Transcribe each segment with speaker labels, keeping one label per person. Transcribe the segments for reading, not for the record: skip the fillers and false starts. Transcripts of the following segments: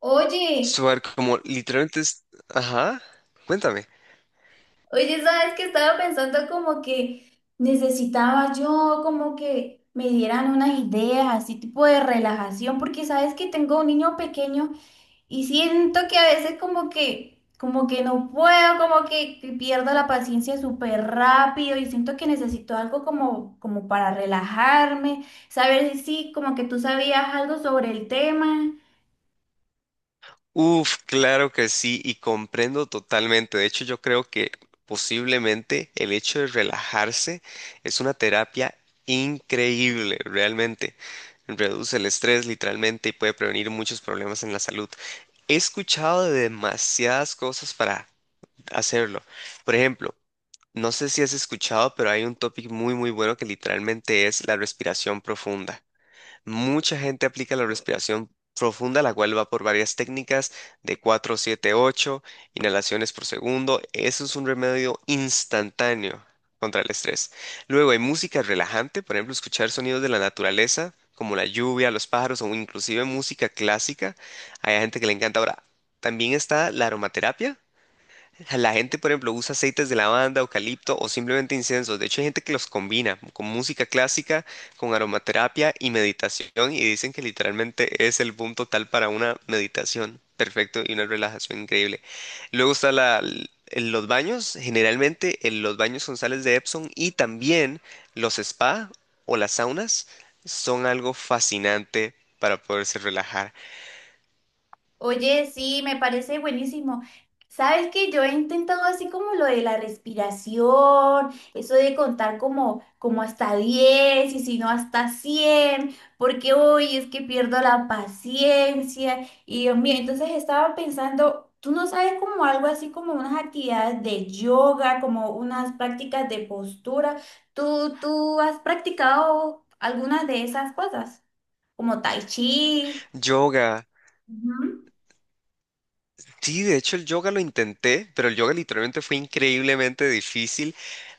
Speaker 1: Oye,
Speaker 2: Suar, como literalmente es. Ajá, cuéntame.
Speaker 1: sabes que estaba pensando como que necesitaba yo como que me dieran unas ideas, así tipo de relajación, porque sabes que tengo un niño pequeño y siento que a veces como que no puedo, que pierdo la paciencia súper rápido y siento que necesito algo como para relajarme, saber si sí, como que tú sabías algo sobre el tema.
Speaker 2: Uf, claro que sí, y comprendo totalmente. De hecho, yo creo que posiblemente el hecho de relajarse es una terapia increíble, realmente. Reduce el estrés literalmente y puede prevenir muchos problemas en la salud. He escuchado de demasiadas cosas para hacerlo. Por ejemplo, no sé si has escuchado, pero hay un topic muy, muy bueno que literalmente es la respiración profunda. Mucha gente aplica la respiración profunda, la cual va por varias técnicas de 4, 7, 8 inhalaciones por segundo. Eso es un remedio instantáneo contra el estrés. Luego hay música relajante, por ejemplo, escuchar sonidos de la naturaleza, como la lluvia, los pájaros o inclusive música clásica. Hay gente que le encanta. Ahora, también está la aromaterapia. La gente, por ejemplo, usa aceites de lavanda, eucalipto o simplemente incensos. De hecho, hay gente que los combina con música clásica, con aromaterapia y meditación y dicen que literalmente es el boom total para una meditación perfecto y una relajación increíble. Luego está la, en los baños, generalmente en los baños con sales de Epsom y también los spa o las saunas son algo fascinante para poderse relajar.
Speaker 1: Oye, sí, me parece buenísimo. Sabes que yo he intentado así como lo de la respiración, eso de contar como hasta 10 y si no hasta 100 porque hoy es que pierdo la paciencia y Dios mío. Entonces estaba pensando, tú no sabes como algo así como unas actividades de yoga, como unas prácticas de postura. Tú has practicado algunas de esas cosas, como tai chi?
Speaker 2: Yoga.
Speaker 1: Ujú.
Speaker 2: Sí, de hecho el yoga lo intenté, pero el yoga literalmente fue increíblemente difícil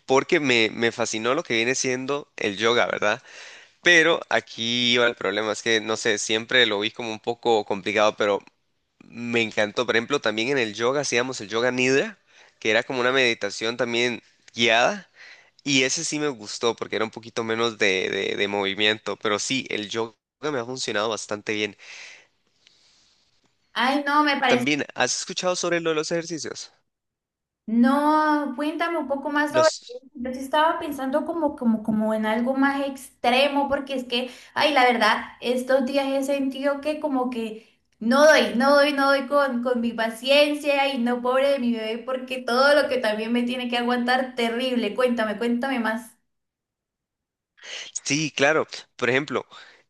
Speaker 2: porque me fascinó lo que viene siendo el yoga, ¿verdad? Pero aquí iba el problema, es que no sé, siempre lo vi como un poco complicado, pero me encantó. Por ejemplo, también en el yoga hacíamos el yoga nidra, que era como una meditación también guiada, y ese sí me gustó porque era un poquito menos de movimiento, pero sí, el yoga me ha funcionado bastante bien.
Speaker 1: Ay, no, me parece.
Speaker 2: También, ¿has escuchado sobre lo de los ejercicios?
Speaker 1: No, cuéntame un poco más sobre eso.
Speaker 2: Los...
Speaker 1: Yo sí estaba pensando como en algo más extremo, porque es que, ay, la verdad, estos días he sentido que como que no doy con mi paciencia y no, pobre de mi bebé, porque todo lo que también me tiene que aguantar, terrible. Cuéntame, cuéntame más.
Speaker 2: Sí, claro. Por ejemplo,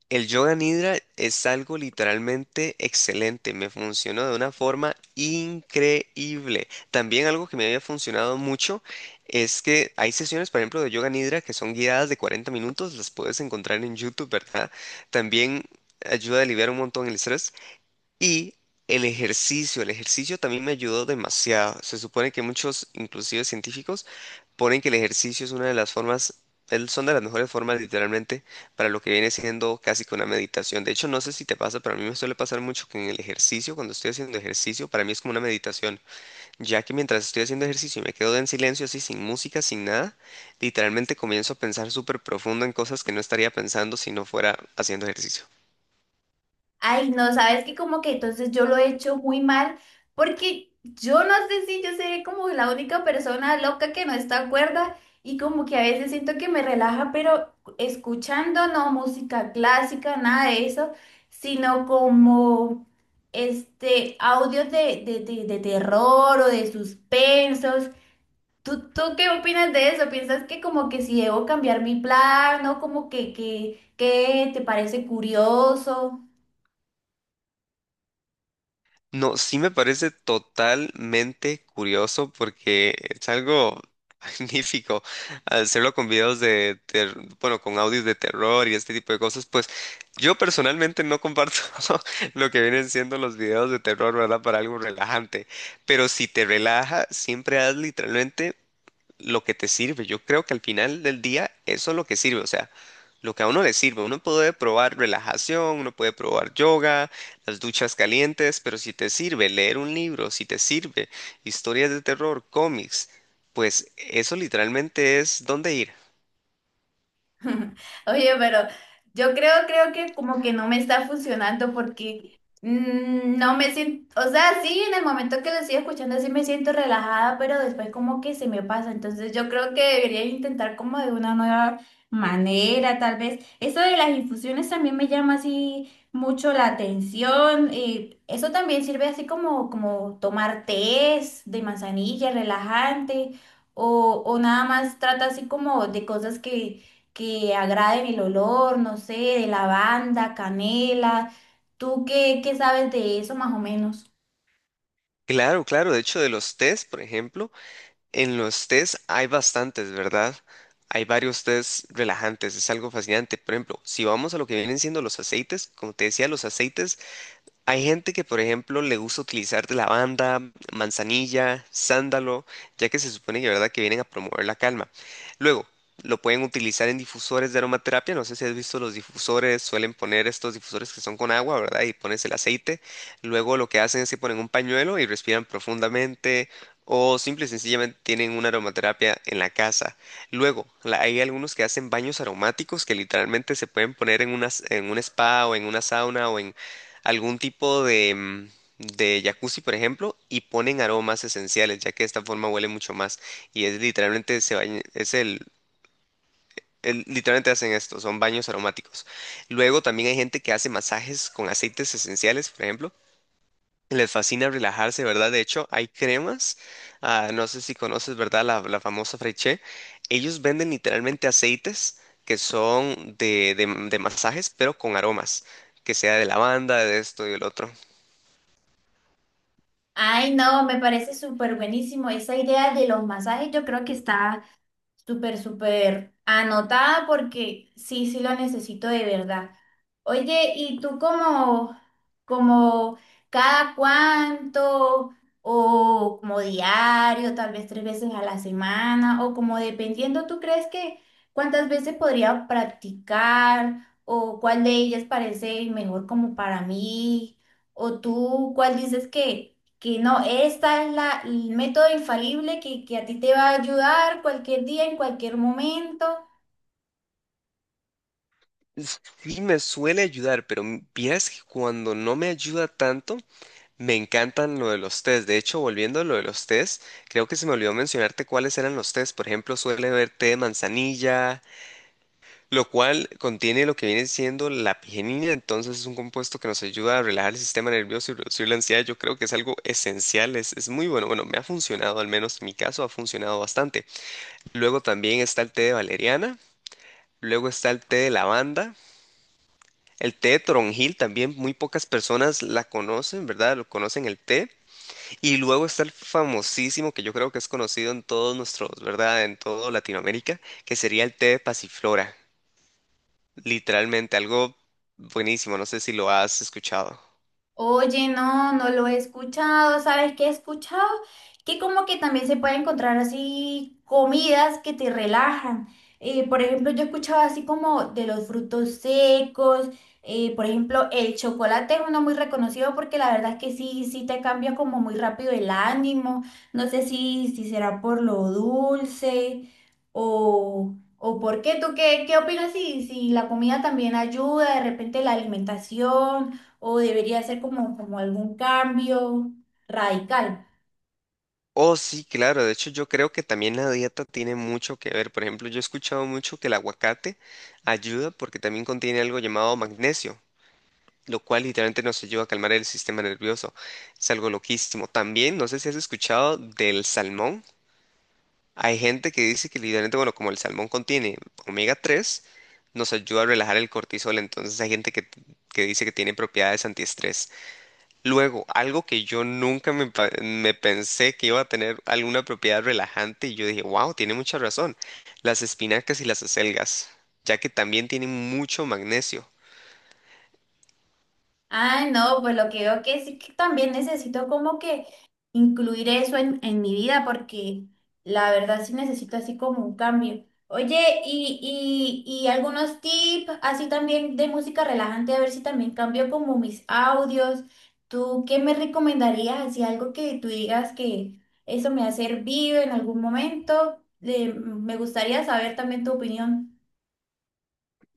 Speaker 2: el yoga nidra es algo literalmente excelente. Me funcionó de una forma increíble. También algo que me había funcionado mucho es que hay sesiones, por ejemplo, de yoga nidra que son guiadas de 40 minutos. Las puedes encontrar en YouTube, ¿verdad? También ayuda a aliviar un montón el estrés. Y el ejercicio también me ayudó demasiado. Se supone que muchos, inclusive científicos, ponen que el ejercicio es una de las formas, son de las mejores formas literalmente para lo que viene siendo casi que una meditación. De hecho, no sé si te pasa, pero a mí me suele pasar mucho que en el ejercicio, cuando estoy haciendo ejercicio, para mí es como una meditación, ya que mientras estoy haciendo ejercicio y me quedo en silencio, así sin música, sin nada, literalmente comienzo a pensar súper profundo en cosas que no estaría pensando si no fuera haciendo ejercicio.
Speaker 1: Ay, no, sabes que como que entonces yo lo he hecho muy mal porque yo no sé si yo seré como la única persona loca que no está cuerda y como que a veces siento que me relaja, pero escuchando no música clásica, nada de eso, sino como este audios de terror o de suspensos. ¿Tú qué opinas de eso? ¿Piensas que como que si debo cambiar mi plan o como que, que te parece curioso?
Speaker 2: No, sí me parece totalmente curioso porque es algo magnífico hacerlo con videos bueno, con audios de terror y este tipo de cosas. Pues yo personalmente no comparto lo que vienen siendo los videos de terror, ¿verdad? Para algo relajante. Pero si te relaja, siempre haz literalmente lo que te sirve. Yo creo que al final del día eso es lo que sirve, o sea, lo que a uno le sirve. Uno puede probar relajación, uno puede probar yoga, las duchas calientes, pero si te sirve leer un libro, si te sirve historias de terror, cómics, pues eso literalmente es dónde ir.
Speaker 1: Oye, pero yo creo que como que no me está funcionando porque no me siento, o sea, sí, en el momento que lo estoy escuchando sí me siento relajada, pero después como que se me pasa. Entonces yo creo que debería intentar como de una nueva manera, tal vez. Eso de las infusiones también me llama así mucho la atención, y eso también sirve así como, como tomar tés de manzanilla, relajante, o nada más trata así como de cosas que agraden el olor, no sé, de lavanda, canela. ¿Tú qué sabes de eso más o menos?
Speaker 2: Claro, claro. De hecho, de los test, por ejemplo, en los test hay bastantes, ¿verdad? Hay varios test relajantes, es algo fascinante. Por ejemplo, si vamos a lo que vienen siendo los aceites, como te decía, los aceites. Hay gente que, por ejemplo, le gusta utilizar de lavanda, manzanilla, sándalo, ya que se supone que, ¿verdad?, que vienen a promover la calma. Luego, lo pueden utilizar en difusores de aromaterapia. No sé si has visto los difusores, suelen poner estos difusores que son con agua, ¿verdad? Y pones el aceite. Luego lo que hacen es que ponen un pañuelo y respiran profundamente. O simple y sencillamente tienen una aromaterapia en la casa. Luego, hay algunos que hacen baños aromáticos que literalmente se pueden poner en una, en un spa o en una sauna o en algún tipo de, de jacuzzi, por ejemplo, y ponen aromas esenciales, ya que de esta forma huele mucho más. Y es literalmente, se baña- es el- literalmente hacen esto, son baños aromáticos. Luego también hay gente que hace masajes con aceites esenciales, por ejemplo. Les fascina relajarse, ¿verdad? De hecho, hay cremas, ah, no sé si conoces, ¿verdad? La famosa fraiche. Ellos venden literalmente aceites que son de, de masajes, pero con aromas, que sea de lavanda, de esto y del otro.
Speaker 1: Ay, no, me parece súper buenísimo. Esa idea de los masajes yo creo que está súper, súper anotada porque sí, sí lo necesito de verdad. Oye, ¿y tú como, como cada cuánto o como diario, tal vez tres veces a la semana o como dependiendo, ¿tú crees que cuántas veces podría practicar o cuál de ellas parece mejor como para mí? ¿O tú cuál dices que no, esta es la, el método infalible que a ti te va a ayudar cualquier día, en cualquier momento?
Speaker 2: Sí, me suele ayudar, pero vieras que cuando no me ayuda tanto, me encantan lo de los test. De hecho, volviendo a lo de los test, creo que se me olvidó mencionarte cuáles eran los test. Por ejemplo, suele haber té de manzanilla, lo cual contiene lo que viene siendo la pigenina, entonces es un compuesto que nos ayuda a relajar el sistema nervioso y reducir la ansiedad. Yo creo que es algo esencial, es muy bueno. Bueno, me ha funcionado, al menos en mi caso ha funcionado bastante. Luego también está el té de valeriana, luego está el té de lavanda. El té de toronjil también muy pocas personas la conocen, ¿verdad? Lo conocen el té. Y luego está el famosísimo, que yo creo que es conocido en todos nuestros, ¿verdad? En toda Latinoamérica, que sería el té de pasiflora. Literalmente, algo buenísimo, no sé si lo has escuchado.
Speaker 1: Oye, no, no lo he escuchado. ¿Sabes qué he escuchado? Que como que también se puede encontrar así comidas que te relajan. Por ejemplo, yo he escuchado así como de los frutos secos. Eh, por ejemplo, el chocolate es uno muy reconocido porque la verdad es que sí, sí te cambia como muy rápido el ánimo. No sé si será por lo dulce o por qué. ¿Tú qué, qué opinas si, si la comida también ayuda, de repente la alimentación? ¿O debería ser como, como algún cambio radical?
Speaker 2: Oh, sí, claro, de hecho yo creo que también la dieta tiene mucho que ver. Por ejemplo, yo he escuchado mucho que el aguacate ayuda porque también contiene algo llamado magnesio, lo cual literalmente nos ayuda a calmar el sistema nervioso. Es algo loquísimo. También, no sé si has escuchado del salmón. Hay gente que dice que literalmente, bueno, como el salmón contiene omega-3 nos ayuda a relajar el cortisol. Entonces hay gente que dice que tiene propiedades antiestrés. Luego, algo que yo nunca me pensé que iba a tener alguna propiedad relajante y yo dije, wow, tiene mucha razón. Las espinacas y las acelgas, ya que también tienen mucho magnesio.
Speaker 1: Ah, no, pues lo que veo que sí, que también necesito como que incluir eso en mi vida porque la verdad sí necesito así como un cambio. Oye, y algunos tips así también de música relajante, a ver si también cambio como mis audios. ¿Tú qué me recomendarías? Así algo que tú digas que eso me ha servido en algún momento. Me gustaría saber también tu opinión.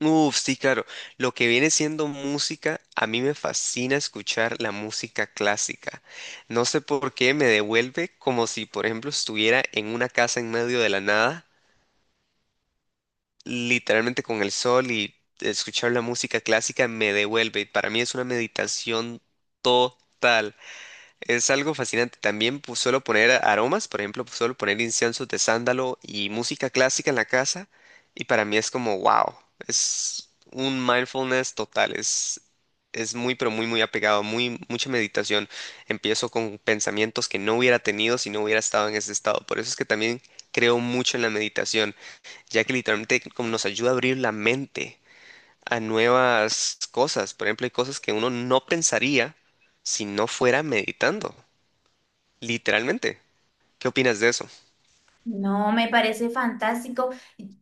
Speaker 2: Uf, sí, claro. Lo que viene siendo música, a mí me fascina escuchar la música clásica. No sé por qué me devuelve como si, por ejemplo, estuviera en una casa en medio de la nada, literalmente con el sol y escuchar la música clásica me devuelve. Para mí es una meditación total. Es algo fascinante. También pues, suelo poner aromas, por ejemplo, pues, suelo poner inciensos de sándalo y música clásica en la casa. Y para mí es como, wow, es un mindfulness total. Es muy, pero muy, muy apegado, muy, mucha meditación. Empiezo con pensamientos que no hubiera tenido si no hubiera estado en ese estado. Por eso es que también creo mucho en la meditación, ya que literalmente como nos ayuda a abrir la mente a nuevas cosas. Por ejemplo, hay cosas que uno no pensaría si no fuera meditando. Literalmente. ¿Qué opinas de eso?
Speaker 1: No, me parece fantástico.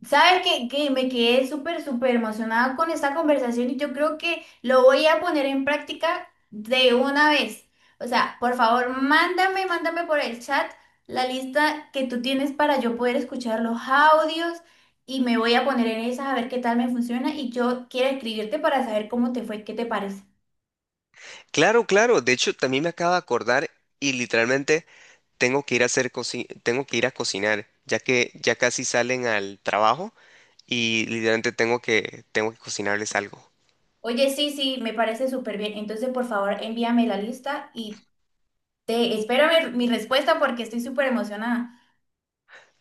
Speaker 1: ¿Sabes qué? Que me quedé súper, súper emocionada con esta conversación y yo creo que lo voy a poner en práctica de una vez. O sea, por favor, mándame, mándame por el chat la lista que tú tienes para yo poder escuchar los audios y me voy a poner en esa a ver qué tal me funciona y yo quiero escribirte para saber cómo te fue, qué te parece.
Speaker 2: Claro, claro. De hecho, también me acabo de acordar y literalmente tengo que ir a tengo que ir a cocinar, ya que ya casi salen al trabajo y literalmente tengo que cocinarles algo.
Speaker 1: Oye, sí, sí, me parece súper bien. Entonces, por favor, envíame la lista y te espero mi, mi respuesta porque estoy súper emocionada.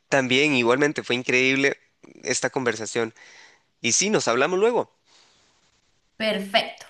Speaker 2: También igualmente fue increíble esta conversación. Y sí, nos hablamos luego.
Speaker 1: Perfecto.